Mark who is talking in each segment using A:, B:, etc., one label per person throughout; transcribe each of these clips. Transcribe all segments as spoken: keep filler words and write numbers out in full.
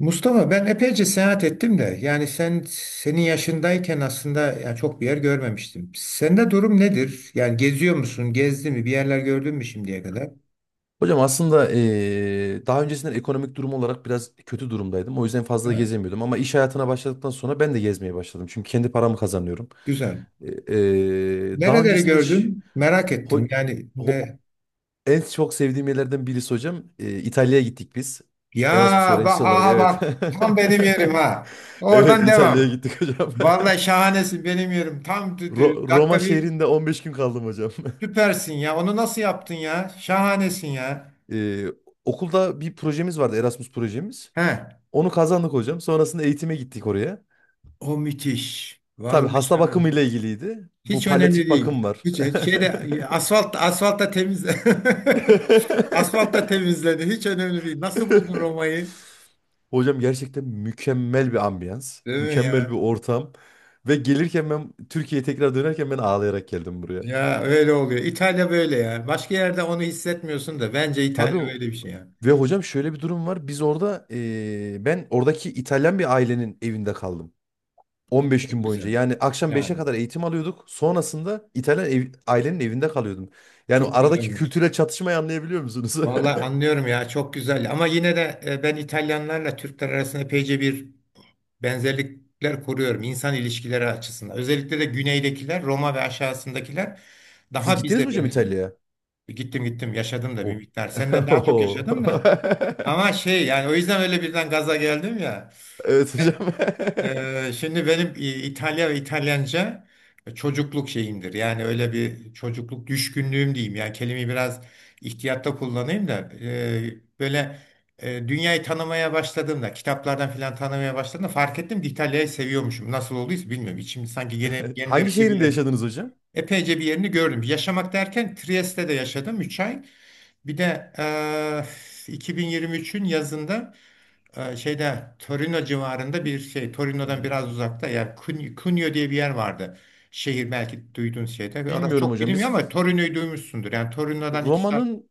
A: Mustafa, ben epeyce seyahat ettim de yani sen senin yaşındayken aslında ya çok bir yer görmemiştim. Sende durum nedir? Yani geziyor musun? Gezdi mi? Bir yerler gördün mü şimdiye kadar?
B: Hocam aslında eee, daha öncesinden ekonomik durum olarak biraz kötü durumdaydım. O yüzden fazla
A: Evet.
B: gezemiyordum. Ama iş hayatına başladıktan sonra ben de gezmeye başladım. Çünkü kendi paramı kazanıyorum.
A: Güzel.
B: E, Eee, daha
A: Nereleri
B: öncesinde ş-
A: gördün? Merak ettim.
B: ho-
A: Yani
B: ho-
A: ne?
B: en çok sevdiğim yerlerden birisi hocam. eee, İtalya'ya gittik biz.
A: Ya
B: Erasmus
A: bak,
B: öğrencisi olarak,
A: aha bak,
B: evet.
A: tam benim yerim ha.
B: Evet,
A: Oradan
B: İtalya'ya
A: devam.
B: gittik hocam.
A: Vallahi şahanesin, benim yerim. Tam d- d-
B: Ro- Roma
A: dakika bir,
B: şehrinde on beş gün kaldım hocam.
A: süpersin ya. Onu nasıl yaptın ya? Şahanesin ya.
B: Eee, okulda bir projemiz vardı, Erasmus projemiz.
A: He.
B: Onu kazandık hocam. Sonrasında eğitime gittik oraya.
A: O müthiş.
B: Tabii
A: Vallahi
B: hasta
A: şahane.
B: bakımıyla ilgiliydi. Bu
A: Hiç önemli
B: palyatif bakım
A: değil.
B: var.
A: Hiç şeyde asfalt asfaltta temiz asfaltta temizledi. Hiç önemli değil. Nasıl buldun Roma'yı?
B: Hocam gerçekten mükemmel bir ambiyans,
A: Değil mi
B: mükemmel bir
A: ya?
B: ortam ve gelirken, ben Türkiye'ye tekrar dönerken ben ağlayarak geldim buraya.
A: Ya öyle oluyor. İtalya böyle ya. Başka yerde onu hissetmiyorsun da bence
B: Tabii
A: İtalya öyle
B: o-
A: bir şey ya.
B: ve hocam şöyle bir durum var. Biz orada eee, ben oradaki İtalyan bir ailenin evinde kaldım. on beş
A: Çok
B: gün boyunca.
A: güzel.
B: Yani akşam beşe
A: Yani
B: kadar eğitim alıyorduk. Sonrasında İtalyan ev- ailenin evinde kalıyordum. Yani
A: çok
B: aradaki
A: güzel.
B: kültürel çatışmayı anlayabiliyor musunuz?
A: Vallahi anlıyorum ya, çok güzel. Ama yine de e, ben İtalyanlarla Türkler arasında epeyce bir benzerlikler kuruyorum insan ilişkileri açısından. Özellikle de güneydekiler, Roma ve aşağısındakiler
B: Siz
A: daha
B: gittiniz
A: bize
B: mi hocam
A: benziyor.
B: İtalya'ya?
A: Gittim gittim, yaşadım da bir
B: O.
A: miktar. Senden daha çok
B: Oo.
A: yaşadım da. Ama şey yani o yüzden öyle birden gaza geldim ya.
B: Evet hocam.
A: Ee, şimdi benim İ- İtalya ve İtalyanca çocukluk şeyimdir. Yani öyle bir çocukluk düşkünlüğüm diyeyim. Yani kelimeyi biraz ihtiyatta kullanayım da e, böyle e, dünyayı tanımaya başladığımda, kitaplardan filan tanımaya başladığımda fark ettim ki İtalya'yı seviyormuşum. Nasıl olduysa bilmiyorum. İçim sanki gene
B: Hangi
A: genlerimde bir
B: şehrinde
A: yer.
B: yaşadınız hocam?
A: Epeyce bir yerini gördüm. Yaşamak derken Trieste'de yaşadım üç ay. Bir de eee, iki bin yirmi üçün yazında eee, şeyde Torino civarında bir şey, Torino'dan biraz uzakta, yani Cun- Cuneo diye bir yer vardı. Şehir belki duyduğun şeyde. Ve orası
B: Bilmiyorum
A: çok
B: hocam.
A: bilinmiyor
B: Biz
A: ama Torino'yu duymuşsundur. Yani Torino'dan iki saat.
B: Roma'nın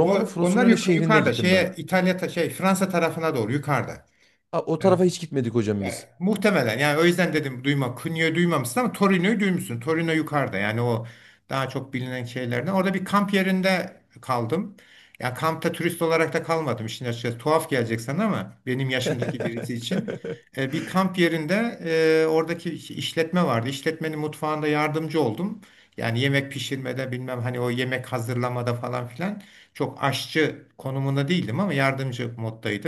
A: O, onlar
B: Frosinone
A: yukarı,
B: şehrinde
A: yukarıda
B: gittim ben.
A: şeye, İtalya ta- şey, Fransa tarafına doğru yukarıda.
B: Ha, o tarafa hiç gitmedik hocam
A: Yani
B: biz.
A: muhtemelen, yani o yüzden dedim duyma. Cunio'yu duymamışsın ama Torino'yu duymuşsun. Torino yukarıda yani o daha çok bilinen şeylerden. Orada bir kamp yerinde kaldım. Ya kampta turist olarak da kalmadım. İşin açıkçası tuhaf gelecek sana ama benim yaşımdaki birisi için. E, bir kamp yerinde, e, oradaki iş- işletme vardı. İşletmenin mutfağında yardımcı oldum. Yani yemek pişirmede bilmem, hani o yemek hazırlamada falan filan, çok aşçı konumunda değildim ama yardımcı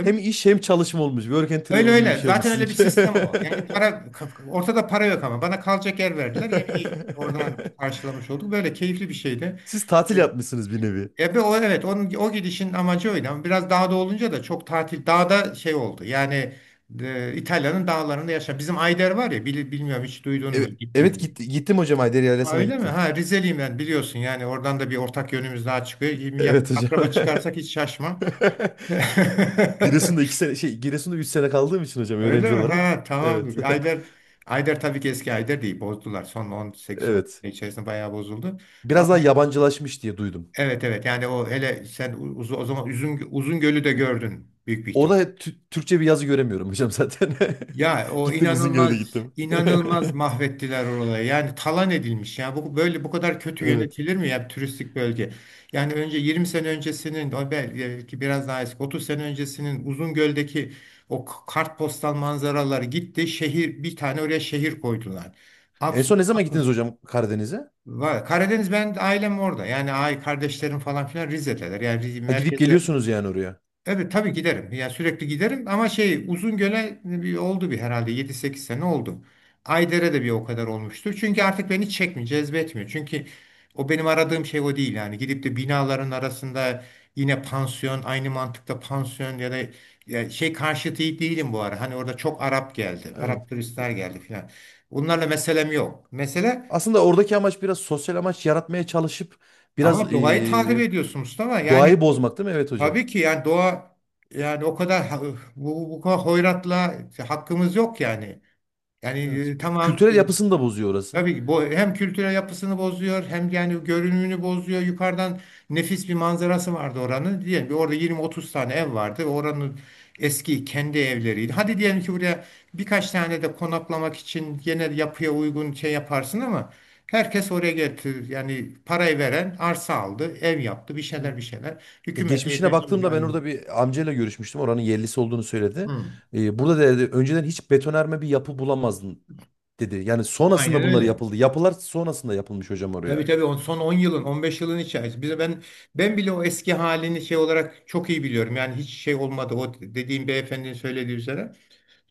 B: Hem iş hem çalışma olmuş. Work and
A: Öyle
B: travel gibi bir
A: öyle.
B: şey olmuş
A: Zaten öyle bir
B: sizinki.
A: sistem o. Yani para, ortada para yok ama bana kalacak yer verdiler. Yemeği oradan karşılamış olduk. Böyle keyifli bir şeydi.
B: Siz tatil yapmışsınız bir nevi.
A: Ebe o, evet, onun o gidişin amacı oydu ama biraz dağda olunca da çok tatil dağda şey oldu. Yani e, İtalya'nın dağlarında yaşa. Bizim Ayder var ya, bil- bilmiyorum, hiç duydun mu,
B: Evet,
A: gittin
B: evet
A: mi?
B: gitti, gittim hocam, Haydari
A: Ha,
B: Yaylası'na
A: öyle mi?
B: gittim.
A: Ha, Rizeliyim ben, biliyorsun, yani oradan da bir ortak yönümüz daha çıkıyor. Yakın
B: Evet hocam.
A: akraba çıkarsak hiç şaşma.
B: Giresun'da iki sene şey Giresun'da üç sene kaldığım için hocam,
A: Öyle
B: öğrenci
A: mi?
B: olarak.
A: Ha,
B: Evet.
A: tamamdır. Ayder Ayder tabii ki eski Ayder değil. Bozdular. Son on sekiz on
B: Evet.
A: sene içerisinde bayağı bozuldu. Ama
B: Biraz daha yabancılaşmış diye duydum.
A: evet evet, yani o hele sen uz- o zaman Uzun, Uzungöl'ü de gördün büyük bir ihtimal.
B: Orada hep Tü- Türkçe bir yazı göremiyorum hocam zaten.
A: Ya o,
B: Gittim, Uzungöl'e de
A: inanılmaz
B: gittim.
A: inanılmaz mahvettiler orayı. Yani talan edilmiş. Yani bu böyle bu kadar kötü
B: Evet.
A: yönetilir mi ya bir turistik bölge? Yani önce yirmi sene öncesinin, o belki biraz daha eski, otuz sene öncesinin Uzungöl'deki o k- kartpostal manzaraları gitti. Şehir bir tane, oraya şehir koydular.
B: En
A: Absürt.
B: son ne zaman gittiniz
A: Absürt.
B: hocam Karadeniz'e?
A: Var. Karadeniz, ben ailem orada. Yani ay, kardeşlerim falan filan Rize'deler. Yani Rize-
B: Ha, gidip
A: merkezde.
B: geliyorsunuz yani oraya.
A: Evet, tabii giderim. Yani sürekli giderim ama şey, Uzungöl'e bir oldu, bir herhalde yedi sekiz sene oldu. Ayder'e de bir o kadar olmuştur. Çünkü artık beni çekmiyor, cezbetmiyor. Çünkü o benim aradığım şey o değil yani. Gidip de binaların arasında yine pansiyon, aynı mantıkta pansiyon, ya da ya şey karşıtı değilim bu ara. Hani orada çok Arap geldi.
B: Evet.
A: Arap turistler geldi filan. Bunlarla meselem yok. Mesele,
B: Aslında oradaki amaç biraz sosyal amaç yaratmaya çalışıp
A: ama
B: biraz
A: doğayı takip
B: eee,
A: ediyorsun Mustafa. Yani
B: doğayı
A: o-
B: bozmak değil mi? Evet hocam.
A: tabii ki yani doğa, yani o kadar ha- bu, bu kadar hoyratla hakkımız yok yani. Yani
B: Evet.
A: e,
B: Kü-
A: tamam,
B: Kültürel
A: e,
B: yapısını da bozuyor orası.
A: tabii ki bu hem kültürel yapısını bozuyor hem yani görünümünü bozuyor. Yukarıdan nefis bir manzarası vardı oranın. Diyelim ki orada yirmi otuz tane ev vardı. Ve oranın eski kendi evleriydi. Hadi diyelim ki buraya birkaç tane de konaklamak için yine yapıya uygun şey yaparsın ama herkes oraya getir. Yani parayı veren arsa aldı, ev yaptı, bir şeyler
B: Evet.
A: bir şeyler.
B: E,
A: Hükümetle
B: geçmişine
A: yeterince
B: baktığımda
A: müdahale
B: ben
A: edildi.
B: orada bir amcayla görüşmüştüm. Oranın yerlisi olduğunu söyledi.
A: Hı.
B: E, burada dedi önceden hiç betonarme bir yapı bulamazdın dedi. Yani
A: Aynen
B: sonrasında bunları
A: öyle.
B: yapıldı. Yapılar sonrasında yapılmış hocam
A: Tabii
B: oraya.
A: tabii, on, son on yılın, on beş yılın içerisinde. Bize ben ben bile o eski halini şey olarak çok iyi biliyorum. Yani hiç şey olmadı, o dediğim beyefendinin söylediği üzere.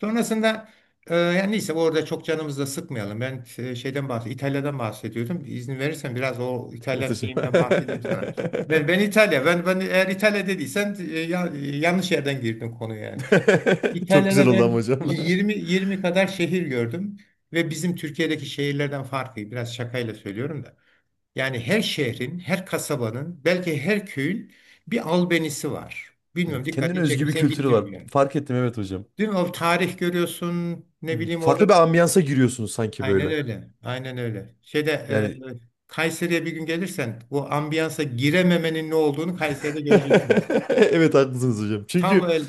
A: Sonrasında e, yani neyse, orada çok canımızı da sıkmayalım. Ben e, şeyden bahsediyorum. İtalya'dan bahsediyordum. İzin verirsen biraz o
B: Evet
A: İtalyan
B: hocam.
A: şeyimden bahsedeyim sana. Ben ben İtalya. Ben ben eğer İtalya dediysen e, ya- e, yanlış yerden girdin konuya yani.
B: Çok güzel
A: İtalya'da
B: oldu ama
A: ben
B: hocam.
A: yirmi yirmi kadar şehir gördüm ve bizim Türkiye'deki şehirlerden farkı, biraz şakayla söylüyorum da. Yani her şehrin, her kasabanın, belki her köyün bir albenisi var. Bilmiyorum,
B: Evet, kendine
A: dikkatini çekim.
B: özgü bir
A: Sen
B: kültürü
A: gittin
B: var.
A: mi bir yere?
B: Fark ettim, evet hocam.
A: Değil mi? O tarih görüyorsun. Ne
B: Evet.
A: bileyim orada.
B: Farklı bir ambiyansa giriyorsunuz sanki
A: Aynen
B: böyle.
A: öyle. Aynen öyle. Şeyde e,
B: Yani
A: Kayseri'ye bir gün gelirsen o ambiyansa girememenin ne olduğunu Kayseri'de göreceksiniz.
B: evet haklısınız hocam.
A: Tam
B: Çünkü
A: öyle.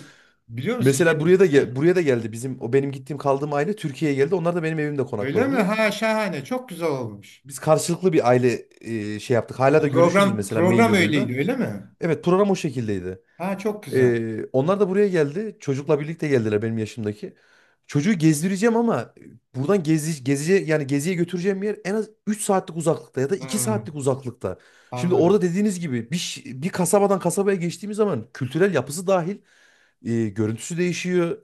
A: Biliyor musun
B: mesela
A: şeyde?
B: buraya da
A: Ha,
B: gel- buraya da geldi bizim o benim gittiğim kaldığım aile, Türkiye'ye geldi. Onlar da benim evimde
A: öyle mi?
B: konakladılar.
A: Ha, şahane. Çok güzel olmuş.
B: Biz karşılıklı bir aile, e, şey yaptık. Hala
A: Bu
B: da görüşürüz
A: program
B: mesela mail
A: program öyleydi
B: yoluyla.
A: öyle mi?
B: Evet, program o şekildeydi.
A: Ha, çok güzel.
B: Ee, onlar da buraya geldi. Çocukla birlikte geldiler benim yaşımdaki. Çocuğu gezdireceğim ama buradan gezi, geziye, yani geziye götüreceğim yer en az üç saatlik uzaklıkta ya da iki
A: Hmm,
B: saatlik uzaklıkta. Şimdi orada
A: anladım.
B: dediğiniz gibi bir, ş- bir kasabadan kasabaya geçtiğimiz zaman kültürel yapısı dahil, e, görüntüsü değişiyor.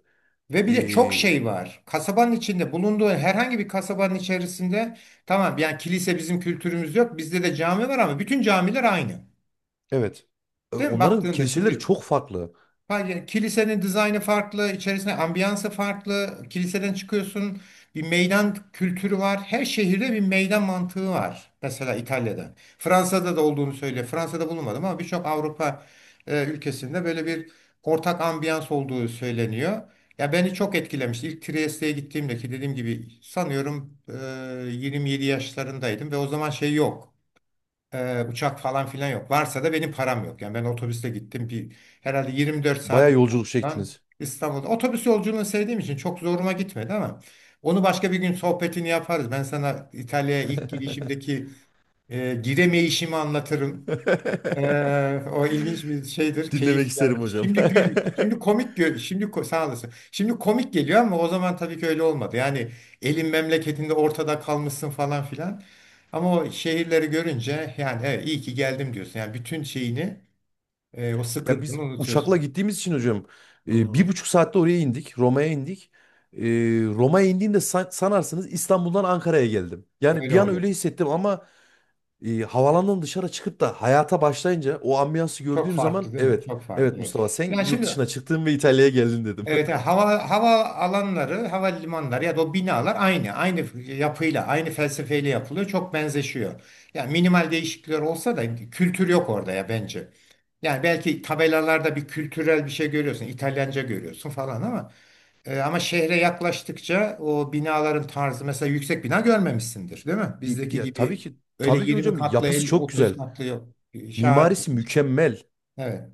A: Ve bir de çok
B: E,
A: şey var. Kasabanın içinde bulunduğu herhangi bir kasabanın içerisinde, tamam, yani kilise, bizim kültürümüz yok. Bizde de cami var ama bütün camiler aynı.
B: evet. E,
A: Değil mi?
B: onların
A: Baktığında
B: kiliseleri
A: şimdi,
B: çok farklı.
A: hayır, kilisenin dizaynı farklı, içerisinde ambiyansı farklı. Kiliseden çıkıyorsun, bir meydan kültürü var. Her şehirde bir meydan mantığı var. Mesela İtalya'da. Fransa'da da olduğunu söyle. Fransa'da bulunmadım ama birçok Avrupa e, ülkesinde böyle bir ortak ambiyans olduğu söyleniyor. Ya beni çok etkilemiş. İlk Trieste'ye gittiğimde, ki dediğim gibi sanıyorum e, yirmi yedi yaşlarındaydım ve o zaman şey yok. Ee, uçak falan filan yok. Varsa da benim param yok. Yani ben otobüste gittim. Bir, herhalde yirmi dört
B: Baya
A: saat,
B: yolculuk
A: İstanbul'dan
B: çektiniz.
A: İstanbul'da. Otobüs yolculuğunu sevdiğim için çok zoruma gitmedi ama onu başka bir gün sohbetini yaparız. Ben sana İtalya'ya ilk gidişimdeki e, giremeyişimi anlatırım. Ee, o ilginç bir şeydir,
B: Dinlemek
A: keyif
B: isterim
A: yani.
B: hocam.
A: Şimdi gül, şimdi komik gö- şimdi ko- sağ olasın. Şimdi komik geliyor ama o zaman tabii ki öyle olmadı. Yani elin memleketinde ortada kalmışsın falan filan. Ama o şehirleri görünce yani evet, iyi ki geldim diyorsun. Yani bütün şeyini, e, o
B: Ya biz
A: sıkıntını
B: uçakla
A: unutuyorsun.
B: gittiğimiz için hocam, e, bir
A: Hmm.
B: buçuk saatte oraya indik. Roma'ya indik. E, Roma'ya indiğimde san- sanarsınız İstanbul'dan Ankara'ya geldim. Yani
A: Öyle
B: bir an
A: oluyor.
B: öyle hissettim ama e, havalandan dışarı çıkıp da hayata başlayınca o ambiyansı
A: Çok
B: gördüğüm zaman,
A: farklı değil mi?
B: evet
A: Çok farklı.
B: evet,
A: Evet.
B: Mustafa sen
A: Yani
B: yurt
A: şimdi,
B: dışına çıktın ve İtalya'ya geldin dedim.
A: evet, yani hava hava alanları, havalimanları ya da o binalar aynı, aynı yapıyla, aynı felsefeyle yapılıyor. Çok benzeşiyor. Yani minimal değişiklikler olsa da kültür yok orada ya bence. Yani belki tabelalarda bir kültürel bir şey görüyorsun, İtalyanca görüyorsun falan ama e, ama şehre yaklaştıkça o binaların tarzı, mesela yüksek bina görmemişsindir, değil mi?
B: İ-
A: Bizdeki
B: Ya tabii
A: gibi
B: ki
A: öyle
B: tabii ki
A: yirmi
B: hocam,
A: katlı,
B: yapısı
A: elli,
B: çok
A: otuz
B: güzel.
A: katlı yok. Şahane.
B: Mimarisi mükemmel.
A: Evet.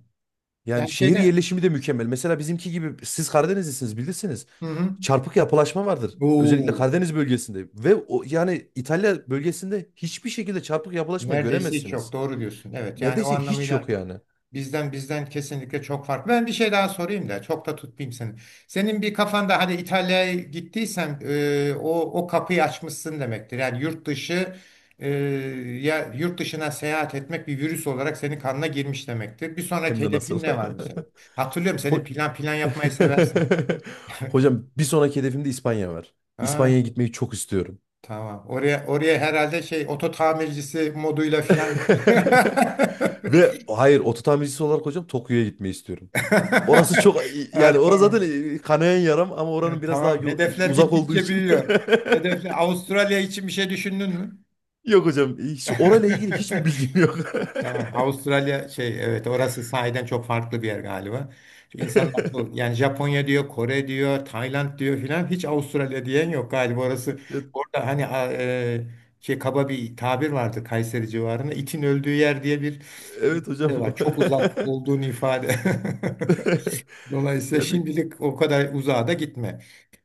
B: Yani
A: Yani
B: şehir
A: şeyde
B: yerleşimi de mükemmel. Mesela bizimki gibi, siz Karadenizlisiniz, bilirsiniz.
A: hı hı.
B: Çarpık yapılaşma vardır. Özellikle
A: Oo.
B: Karadeniz bölgesinde ve o, yani İtalya bölgesinde hiçbir şekilde çarpık yapılaşma
A: Neredeyse hiç yok.
B: göremezsiniz.
A: Doğru diyorsun. Evet, yani o
B: Neredeyse hiç yok
A: anlamıyla
B: yani.
A: bizden bizden kesinlikle çok farklı. Ben bir şey daha sorayım da çok da tutmayayım seni. Senin bir kafanda hani İtalya'ya gittiysen e, o o kapıyı açmışsın demektir. Yani yurt dışı, e, ya yurt dışına seyahat etmek bir virüs olarak senin kanına girmiş demektir. Bir
B: Hem
A: sonraki
B: de nasıl.
A: hedefin ne var mesela? Hatırlıyorum, senin
B: Ho-
A: plan plan yapmayı seversin.
B: hocam bir sonraki hedefimde İspanya var.
A: Ha,
B: İspanya'ya
A: çok-
B: gitmeyi çok istiyorum.
A: tamam. Oraya oraya herhalde şey oto tamircisi moduyla filan
B: Ve hayır, ototamircisi olarak hocam Tokyo'ya gitmeyi istiyorum. Orası çok, yani
A: evet,
B: orası zaten,
A: tamam.
B: e, kanayan yaram ama oranın
A: Ya,
B: biraz daha
A: tamam.
B: yo-
A: Hedefler
B: uzak olduğu
A: gittikçe
B: için.
A: büyüyor. Hedefler, Avustralya için bir şey düşündün mü?
B: Yok hocam, hiç orayla ilgili hiçbir bilgim yok.
A: Tamam. Avustralya şey, evet, orası sahiden çok farklı bir yer galiba. Çünkü İnsanın aklı yani Japonya diyor, Kore diyor, Tayland diyor filan, hiç Avustralya diyen yok galiba orası.
B: Ya,
A: Orada hani a- e, şey kaba bir tabir vardı Kayseri civarında, itin öldüğü yer diye bir
B: evet hocam.
A: ifade var. Çok uzak olduğunu ifade. Dolayısıyla
B: Ya bir,
A: şimdilik o kadar uzağa da gitme.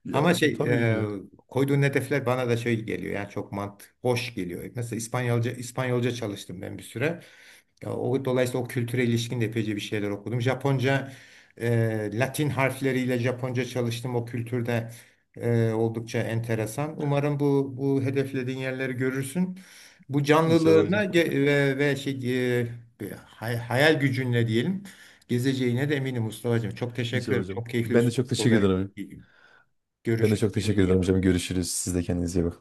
B: ya
A: Ama
B: hocam
A: şey
B: tabii
A: e,
B: ki.
A: koyduğun hedefler bana da şey geliyor yani çok mant hoş geliyor. Mesela İspanyolca İspanyolca çalıştım ben bir süre. Ya, o dolayısıyla o kültüre ilişkin de epeyce bir şeyler okudum. Japonca e, Latin harfleriyle Japonca çalıştım. O kültürde e, oldukça enteresan. Umarım bu bu hedeflediğin yerleri görürsün. Bu
B: İnşallah
A: canlılığına
B: hocam.
A: ge- ve, ve şey e, bir hay- hayal gücünle diyelim, gezeceğine de eminim Mustafa'cığım. Çok teşekkür
B: İnşallah
A: ederim.
B: hocam.
A: Çok keyifli bir
B: Ben de çok
A: sohbet oldu.
B: teşekkür ederim. Ben de
A: Görüşürüz.
B: çok teşekkür
A: Kendine iyi
B: ederim
A: bak.
B: hocam. Görüşürüz. Siz de kendinize iyi bakın.